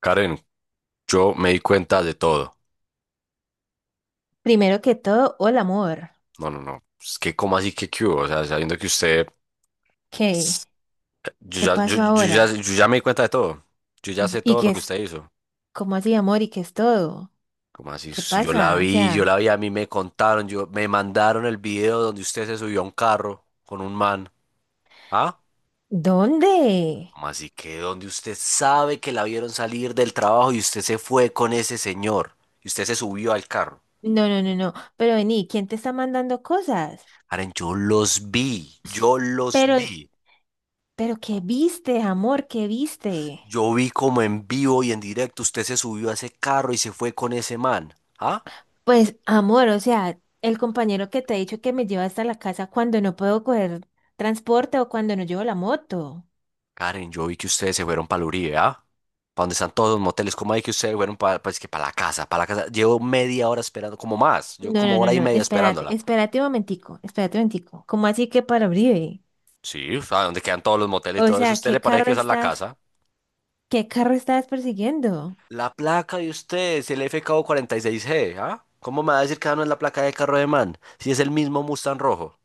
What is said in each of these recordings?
Karen, yo me di cuenta de todo. Primero que todo, hola amor. No, no, no. Es que, ¿cómo así que qué hubo? O sea, sabiendo que usted. ¿Qué? Yo ¿Qué ya, yo, pasó yo ya, ahora? yo ya me di cuenta de todo. Yo ya D- sé ¿Y todo qué lo que es? usted hizo. ¿Cómo así, amor? ¿Y qué es todo? ¿Cómo así? ¿Qué Si Yo la pasa? O vi, yo sea, la vi, a mí me contaron, me mandaron el video donde usted se subió a un carro con un man. ¿Ah? ¿dónde? ¿Cómo así que donde usted sabe que la vieron salir del trabajo y usted se fue con ese señor? Y usted se subió al carro. No. Pero vení, ¿quién te está mandando cosas? Karen, yo los vi, yo los Pero, vi. pero ¿qué viste, amor? ¿Qué viste? Yo vi como en vivo y en directo usted se subió a ese carro y se fue con ese man. ¿Ah? Pues, amor, o sea, el compañero que te ha dicho que me lleva hasta la casa cuando no puedo coger transporte o cuando no llevo la moto. Karen, yo vi que ustedes se fueron para el Uribe, ¿ah? Para donde están todos los moteles. ¿Cómo hay que ustedes fueron para, que para la casa? Para la casa. Llevo media hora esperando, como más. Yo No, no, como no, hora y no. media Espérate, esperándola. espérate un momentico, espérate un momentico. ¿Cómo así que para Uribe? Sí, o sea, donde quedan todos los moteles y O todo eso. sea, ¿Usted le parece que esa es la casa? ¿Qué carro estás persiguiendo? La placa de ustedes, el F FKO 46G, ¿ah? ¿Cómo me va a decir que esa no es la placa de carro de man? Si es el mismo Mustang rojo.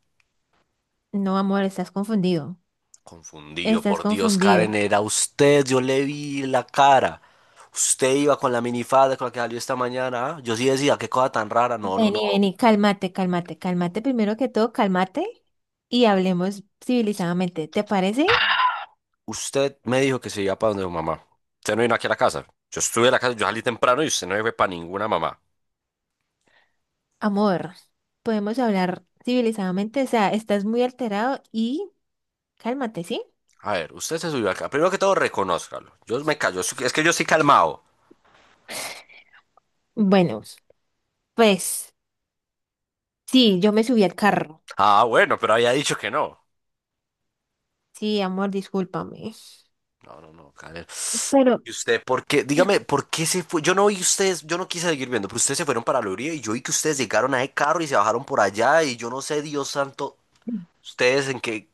No, amor, estás confundido. Confundido, Estás por Dios, confundido. Karen, era usted, yo le vi la cara. Usted iba con la minifalda con la que salió esta mañana. ¿Ah? Yo sí decía, qué cosa tan rara. No, no, no. Vení, cálmate. Primero que todo, cálmate y hablemos civilizadamente. ¿Te parece? Usted me dijo que se iba para donde su mamá. Usted no vino aquí a la casa. Yo estuve en la casa, yo salí temprano y usted no fue para ninguna mamá. Amor, podemos hablar civilizadamente. O sea, estás muy alterado y cálmate, ¿sí? A ver, usted se subió acá. Primero que todo, reconózcalo. Yo me callo, es que yo estoy calmado. Bueno, pues sí, yo me subí al carro. Ah, bueno, pero había dicho que no. Sí, amor, discúlpame. No, no, no, Karen. Pero ¿Y usted por qué? Dígame, ¿por qué se fue? Yo no vi ustedes, yo no quise seguir viendo, pero ustedes se fueron para el Uribe y yo vi que ustedes llegaron a ese carro y se bajaron por allá y yo no sé, Dios santo, ustedes en qué...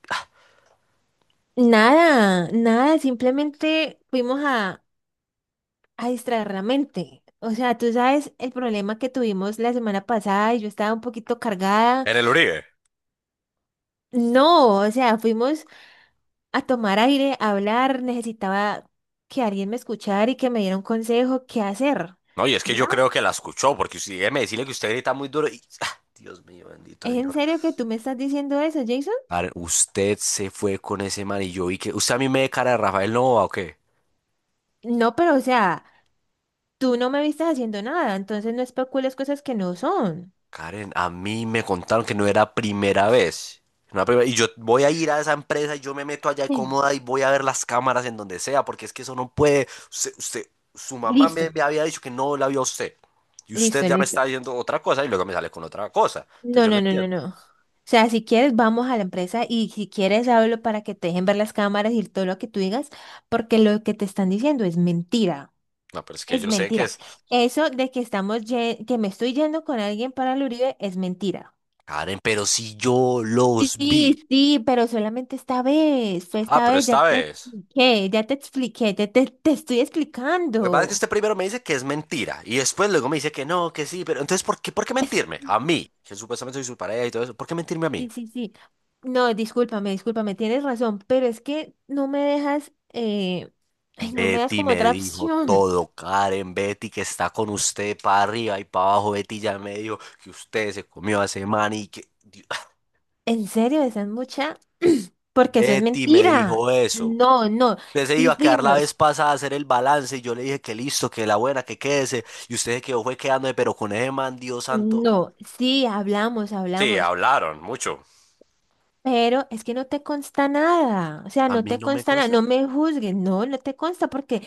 nada simplemente fuimos a distraer la mente. O sea, tú sabes el problema que tuvimos la semana pasada y yo estaba un poquito cargada. En el Uribe. No, o sea, fuimos a tomar aire, a hablar, necesitaba que alguien me escuchara y que me diera un consejo, qué hacer. No, y es que yo ¿Ya? creo que la escuchó, porque usted, déjeme decirle que usted grita muy duro y... ah, Dios mío, bendito ¿Es en señor. serio que tú me estás diciendo eso, Jason? Karen, usted se fue con ese man y yo vi que... ¿Usted a mí me ve cara de Rafael Nova o qué? No, pero o sea, tú no me viste haciendo nada, entonces no especules cosas que no son. Karen, a mí me contaron que no era primera vez. No era primera- Y yo voy a ir a esa empresa y yo me meto allá Mm. cómoda y voy a ver las cámaras en donde sea, porque es que eso no puede. Su mamá Listo, me había dicho que no la vio a usted. Y usted listo, ya me listo. está diciendo otra cosa y luego me sale con otra cosa. Entonces No, yo no no, no, no, entiendo. no. O sea, si quieres, vamos a la empresa y si quieres, hablo para que te dejen ver las cámaras y todo lo que tú digas, porque lo que te están diciendo es mentira. No, pero es que Es yo sé que mentira. es. Eso de que estamos, que me estoy yendo con alguien para el Uribe es mentira. Karen, pero si yo los vi. Sí, sí, pero solamente esta vez, fue Ah, esta pero vez, ya esta te vez. expliqué, ya te expliqué, te estoy Lo que pasa es que explicando. usted primero me dice que es mentira y después luego me dice que no, que sí, pero entonces ¿por qué mentirme? A mí, que supuestamente soy su pareja y todo eso, ¿por qué mentirme a mí? Sí. No, discúlpame, tienes razón, pero es que no me dejas, ay, no me das Betty como me otra dijo opción. todo, Karen, Betty que está con usted para arriba y para abajo, Betty ya me dijo que usted se comió a ese man y que Dios, ¿En serio esa es mucha? Porque eso es Betty me mentira. dijo eso. No, no, Usted se sí iba a quedar la fuimos, vez pasada a hacer el balance y yo le dije que listo, que la buena, que quédese y usted se quedó fue quedándome, pero con ese man, Dios santo, no, sí hablamos, sí, hablamos, hablaron mucho. pero es que no te consta nada, o sea, A no mí te no me consta nada, consta. no me juzgues, no, no te consta porque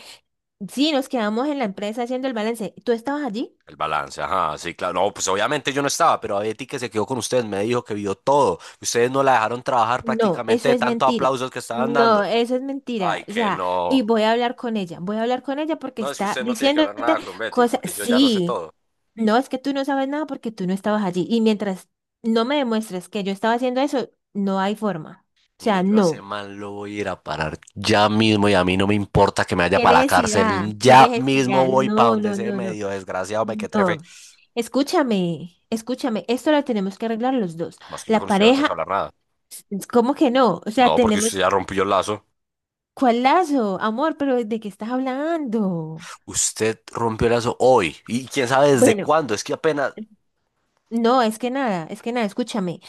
sí, nos quedamos en la empresa haciendo el balance. ¿Tú estabas allí? El balance, ajá, sí, claro. No, pues obviamente yo no estaba, pero a Betty que se quedó con ustedes me dijo que vio todo. Ustedes no la dejaron trabajar No, prácticamente eso de es tantos mentira. aplausos que estaban No, dando. eso es mentira. Ay, O que sea, y no. voy a hablar con ella. Voy a hablar con ella porque No, es que está usted no tiene que diciéndote hablar nada con Betty, cosas. porque yo ya lo sé Sí, todo. no, es que tú no sabes nada porque tú no estabas allí. Y mientras no me demuestres que yo estaba haciendo eso, no hay forma. O Mire, sea, yo hace no. mal lo voy a ir a parar ya mismo y a mí no me importa que me vaya ¿Qué para la necesidad? cárcel. ¿Qué Ya mismo necesidad? voy para No, donde no, ese no, no. medio desgraciado me que trefe. No. Escúchame. Esto lo tenemos que arreglar los dos. Más que yo con La usted ya no tengo que pareja, hablar nada. ¿cómo que no? O sea, No, porque usted tenemos. ya rompió el lazo. ¿Cuál lazo? Amor, pero ¿de qué estás hablando? Usted rompió el lazo hoy. ¿Y quién sabe desde Bueno, cuándo? Es que apenas... no, es que nada, escúchame.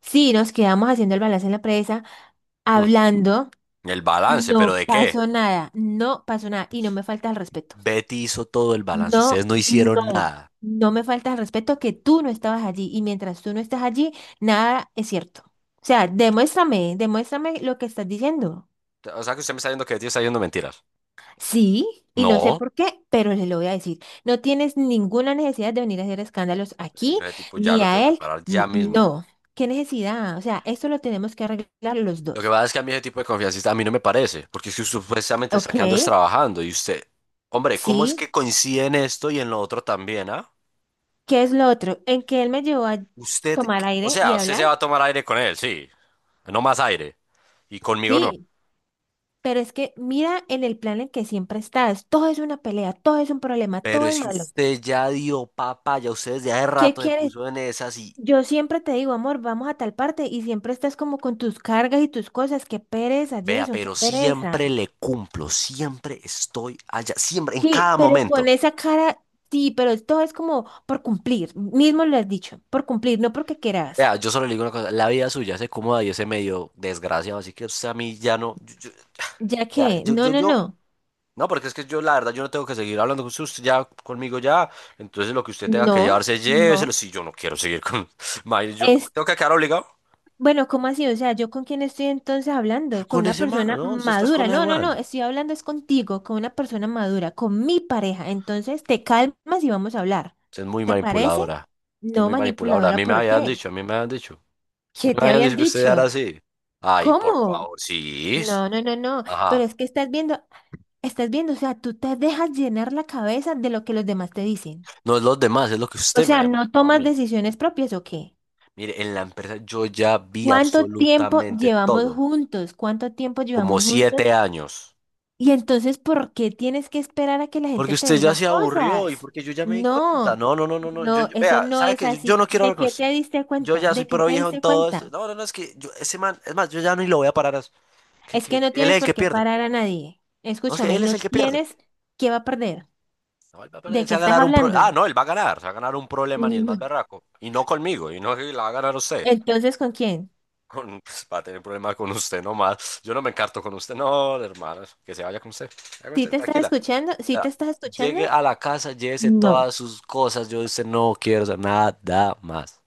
Sí, nos quedamos haciendo el balance en la presa, Mm, hablando, El balance, ¿pero no de qué? pasó nada, no pasó nada, y no me falta el respeto. Betty hizo todo el balance. Ustedes No, no no, hicieron nada. no me falta el respeto que tú no estabas allí, y mientras tú no estás allí, nada es cierto. O sea, demuéstrame lo que estás diciendo. O sea que usted me está diciendo que Betty está diciendo mentiras. Sí, y no sé No. por qué, pero le lo voy a decir. No tienes ninguna necesidad de venir a hacer escándalos Es que aquí, yo ese tipo ya ni lo tengo a que él, parar ya ni... mismo. No, ¿qué necesidad? O sea, esto lo tenemos que arreglar los Lo que dos. pasa es que a mí ese tipo de confianza a mí no me parece, porque es que usted supuestamente está Ok, quedando es trabajando y usted, hombre, ¿cómo es que sí. coincide en esto y en lo otro también, ah? ¿Qué es lo otro? En que él me llevó a Usted, tomar o aire y sea, usted se hablar. va a tomar aire con él, sí, no más aire, y conmigo no. Sí, pero es que mira en el plan en que siempre estás. Todo es una pelea, todo es un problema, Pero todo es es que malo. usted ya dio papá, ya usted desde hace ¿Qué rato se quieres? puso en esas y Yo siempre te digo, amor, vamos a tal parte y siempre estás como con tus cargas y tus cosas. Qué pereza, vea, Jason, qué pero siempre pereza. le cumplo, siempre estoy allá, siempre, en Sí, cada pero con momento. esa cara, sí, pero todo es como por cumplir. Mismo lo has dicho, por cumplir, no porque quieras. Vea, yo solo le digo una cosa, la vida suya se cómoda y ese medio desgraciado, así que usted a mí ya no, Ya vea, que, no, no, no, no, porque es que yo la verdad, yo no tengo que seguir hablando con usted, usted ya conmigo ya, entonces lo que usted tenga que no, llevarse, lléveselo, no. si yo no quiero seguir con, mae, yo Es tengo que quedar obligado Bueno, ¿cómo así? O sea, ¿yo con quién estoy entonces hablando? Con con una ese man, persona ¿no? Usted está madura. con ese No, no, man, no, estoy hablando es contigo, con una persona madura, con mi pareja. Entonces, te calmas y vamos a hablar. usted es muy ¿Te parece? manipuladora, usted es No, muy manipuladora, manipuladora, ¿por qué? A mí me ¿Qué te habían habían dicho que usted era dicho? así, ay, por ¿Cómo? favor, sí, No, no, no, no, pero ajá, es que estás viendo, o sea, tú te dejas llenar la cabeza de lo que los demás te dicen. no es los demás, es lo que O usted me ha sea, ¿no demostrado a tomas mí. decisiones propias o qué? Mire, en la empresa yo ya vi absolutamente todo, ¿Cuánto tiempo como llevamos juntos? 7 años. Y entonces, ¿por qué tienes que esperar a que la Porque gente te usted ya diga se aburrió y cosas? porque yo ya me di cuenta. No, No, no, no, no, no. No, eso Vea, no ¿sabe es qué? Yo no así. quiero hablar con usted. Yo ya soy ¿De qué pro te viejo en diste todo esto. cuenta? No, no, no, es que yo, ese man, es más, yo ya ni lo voy a parar. A eso. que, Es que que no él es tienes el que por qué pierde. parar a nadie. No, es que Escúchame, él es no el que pierde. tienes qué va a perder. No, él va a perder, ¿De se qué va a estás ganar un pro. hablando? Ah, no, él va a ganar. Se va a ganar un problema ni el más No. berraco. Y no conmigo, y no que la va a ganar usted. Entonces, ¿con quién? Pues, va a tener problemas con usted nomás. Yo no me encarto con usted, no, hermano. Que se vaya con usted. Se vaya con usted, tranquila. ¿Sí te Ya, estás escuchando? llegue a la casa, llévese No. todas sus cosas. Yo dice, no quiero saber nada más.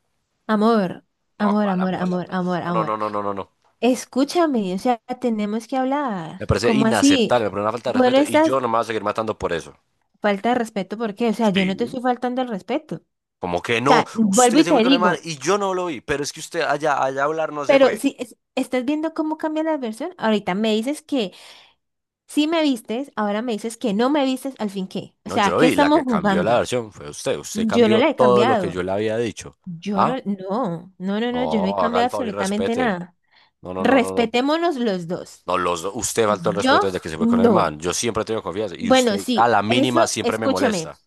Amor, No, amor, cuál amor, amor, la amor, verdad. amor, No, no, no, amor. no, no, no, no. Escúchame, o sea, tenemos que hablar. Me parece ¿Cómo así? inaceptable, me parece una falta de Bueno, respeto y estás, yo no me voy a seguir matando por eso. Falta de respeto, ¿por qué? O sea, yo no te Sí. estoy faltando el respeto. Como que O no, sea, vuelvo usted y se fue te con el digo, man y yo no lo vi, pero es que usted allá, allá a hablar no se pero fue. si es- estás viendo cómo cambia la versión, ahorita me dices que sí me vistes, ahora me dices que no me vistes, al fin qué. O No, yo sea, lo ¿qué vi, la estamos que cambió la jugando? versión fue usted. Usted Yo no cambió la he todo lo que cambiado. yo le había dicho. Yo no, ¿Ah? no, no, no, no, yo no he No, haga cambiado el favor y absolutamente respete. nada. No, no, no, no, no. Respetémonos los dos. No, usted faltó el Yo respeto desde que se fue con el no. man. Yo siempre he tenido confianza. Y Bueno, usted, a sí, la mínima, eso, siempre me escúchame. molesta.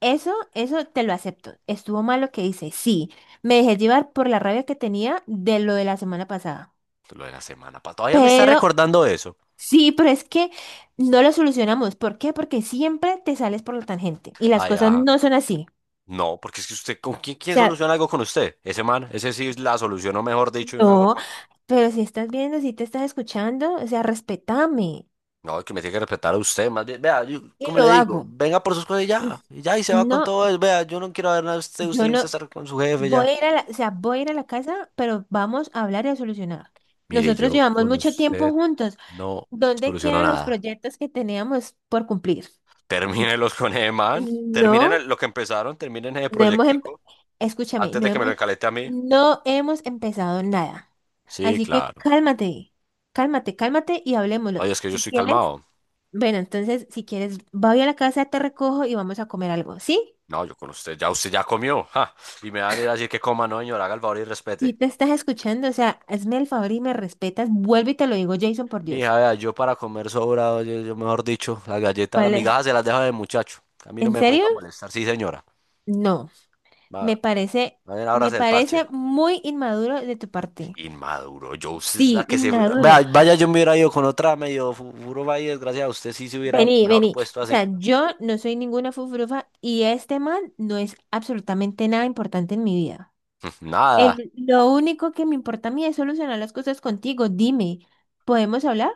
Eso te lo acepto. Estuvo mal lo que hice, sí. Me dejé llevar por la rabia que tenía de lo de la semana pasada. Lo de la semana pa- Todavía me está Pero, recordando eso. sí, pero es que no lo solucionamos. ¿Por qué? Porque siempre te sales por la tangente y las Ay, cosas ajá. no son así. No, porque es que usted, ¿con quién, O quién sea, soluciona algo con usted? Ese man, ese sí la solucionó, mejor dicho, de una no, forma. pero si estás viendo, si te estás escuchando, o sea, respétame. No, que me tiene que respetar a usted, más bien. Vea, yo, Y como le lo digo, hago. venga por sus cosas y ya. Y ya, y se va con No, todo eso. Vea, yo no quiero ver nada de usted. Usted yo le gusta no estar con su jefe voy ya. a ir a la, o sea, voy a ir a la casa, pero vamos a hablar y a solucionar. Mire, Nosotros yo llevamos con mucho tiempo usted juntos. no ¿Dónde soluciono quedan los nada. proyectos que teníamos por cumplir? Termínelos con ese man. Terminen No, lo que empezaron, terminen ese no hemos, em- proyectico escúchame, antes de que me lo encalete a mí. no hemos empezado nada. Sí, Así que claro. cálmate y hablemoslo. Oye, es que yo Si estoy quieres, calmado. Si quieres, voy a la casa, te recojo y vamos a comer algo, ¿sí? No, yo con usted ya comió. Ja. Y me van a ir a decir que coma, no, señor, haga el favor y Si respete. te estás escuchando, o sea, hazme el favor y me respetas, vuelve y te lo digo, Jason, por Dios. Mija, vea, yo para comer sobrado, yo mejor dicho, las galletas, las ¿Cuál es? migajas se las deja de muchacho. A mí no ¿En me serio? venga a molestar. Sí, señora. No, me Va, parece, vayan ahora me del parche. parece muy inmaduro de tu parte. Inmaduro, yo usted es la Sí, que se... inmaduro. Vea, vaya, yo me hubiera ido con otra medio furo, vaya, desgracia, usted sí se hubiera Vení, mejor vení. puesto O así. sea, yo no soy ninguna fufurufa y este man no es absolutamente nada importante en mi vida. Nada. Lo único que me importa a mí es solucionar las cosas contigo. Dime, ¿podemos hablar?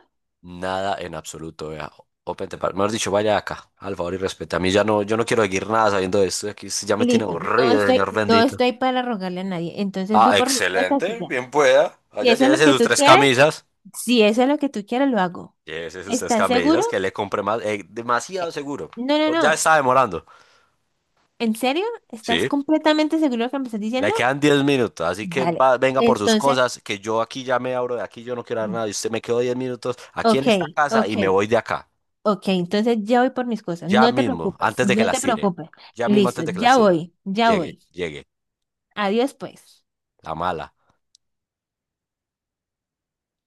Nada en absoluto, vea. Open the Mejor dicho, vaya acá, al favor y respete. A mí ya no, yo no quiero seguir nada sabiendo de esto. Aquí esto ya me tiene Listo, aburrido, señor no bendito. estoy para rogarle a nadie. Entonces voy Ah, por mis cosas y excelente, ya. bien pueda. Si Allá eso es lo llévese que sus tú tres quieres, camisas. si eso es lo que tú quieres, lo hago. Llévese sus tres ¿Estás seguro? camisas, que le compre más. Demasiado Eh, seguro. No, no, Ya no. está demorando. ¿En serio? ¿Estás Sí. completamente seguro de lo que me estás Le diciendo? quedan 10 minutos, así que Vale. Venga por sus Entonces. cosas, que yo aquí ya me abro de aquí, yo no quiero dar nada. Y usted me quedo 10 minutos aquí en Ok, esta casa ok, y me voy de acá. ok. Entonces ya voy por mis cosas. Ya No te mismo, preocupes, antes de que no la te tire. preocupes. Ya mismo antes Listo, de que la ya tire. voy, ya Llegue, voy. llegue. Adiós, pues. La mala.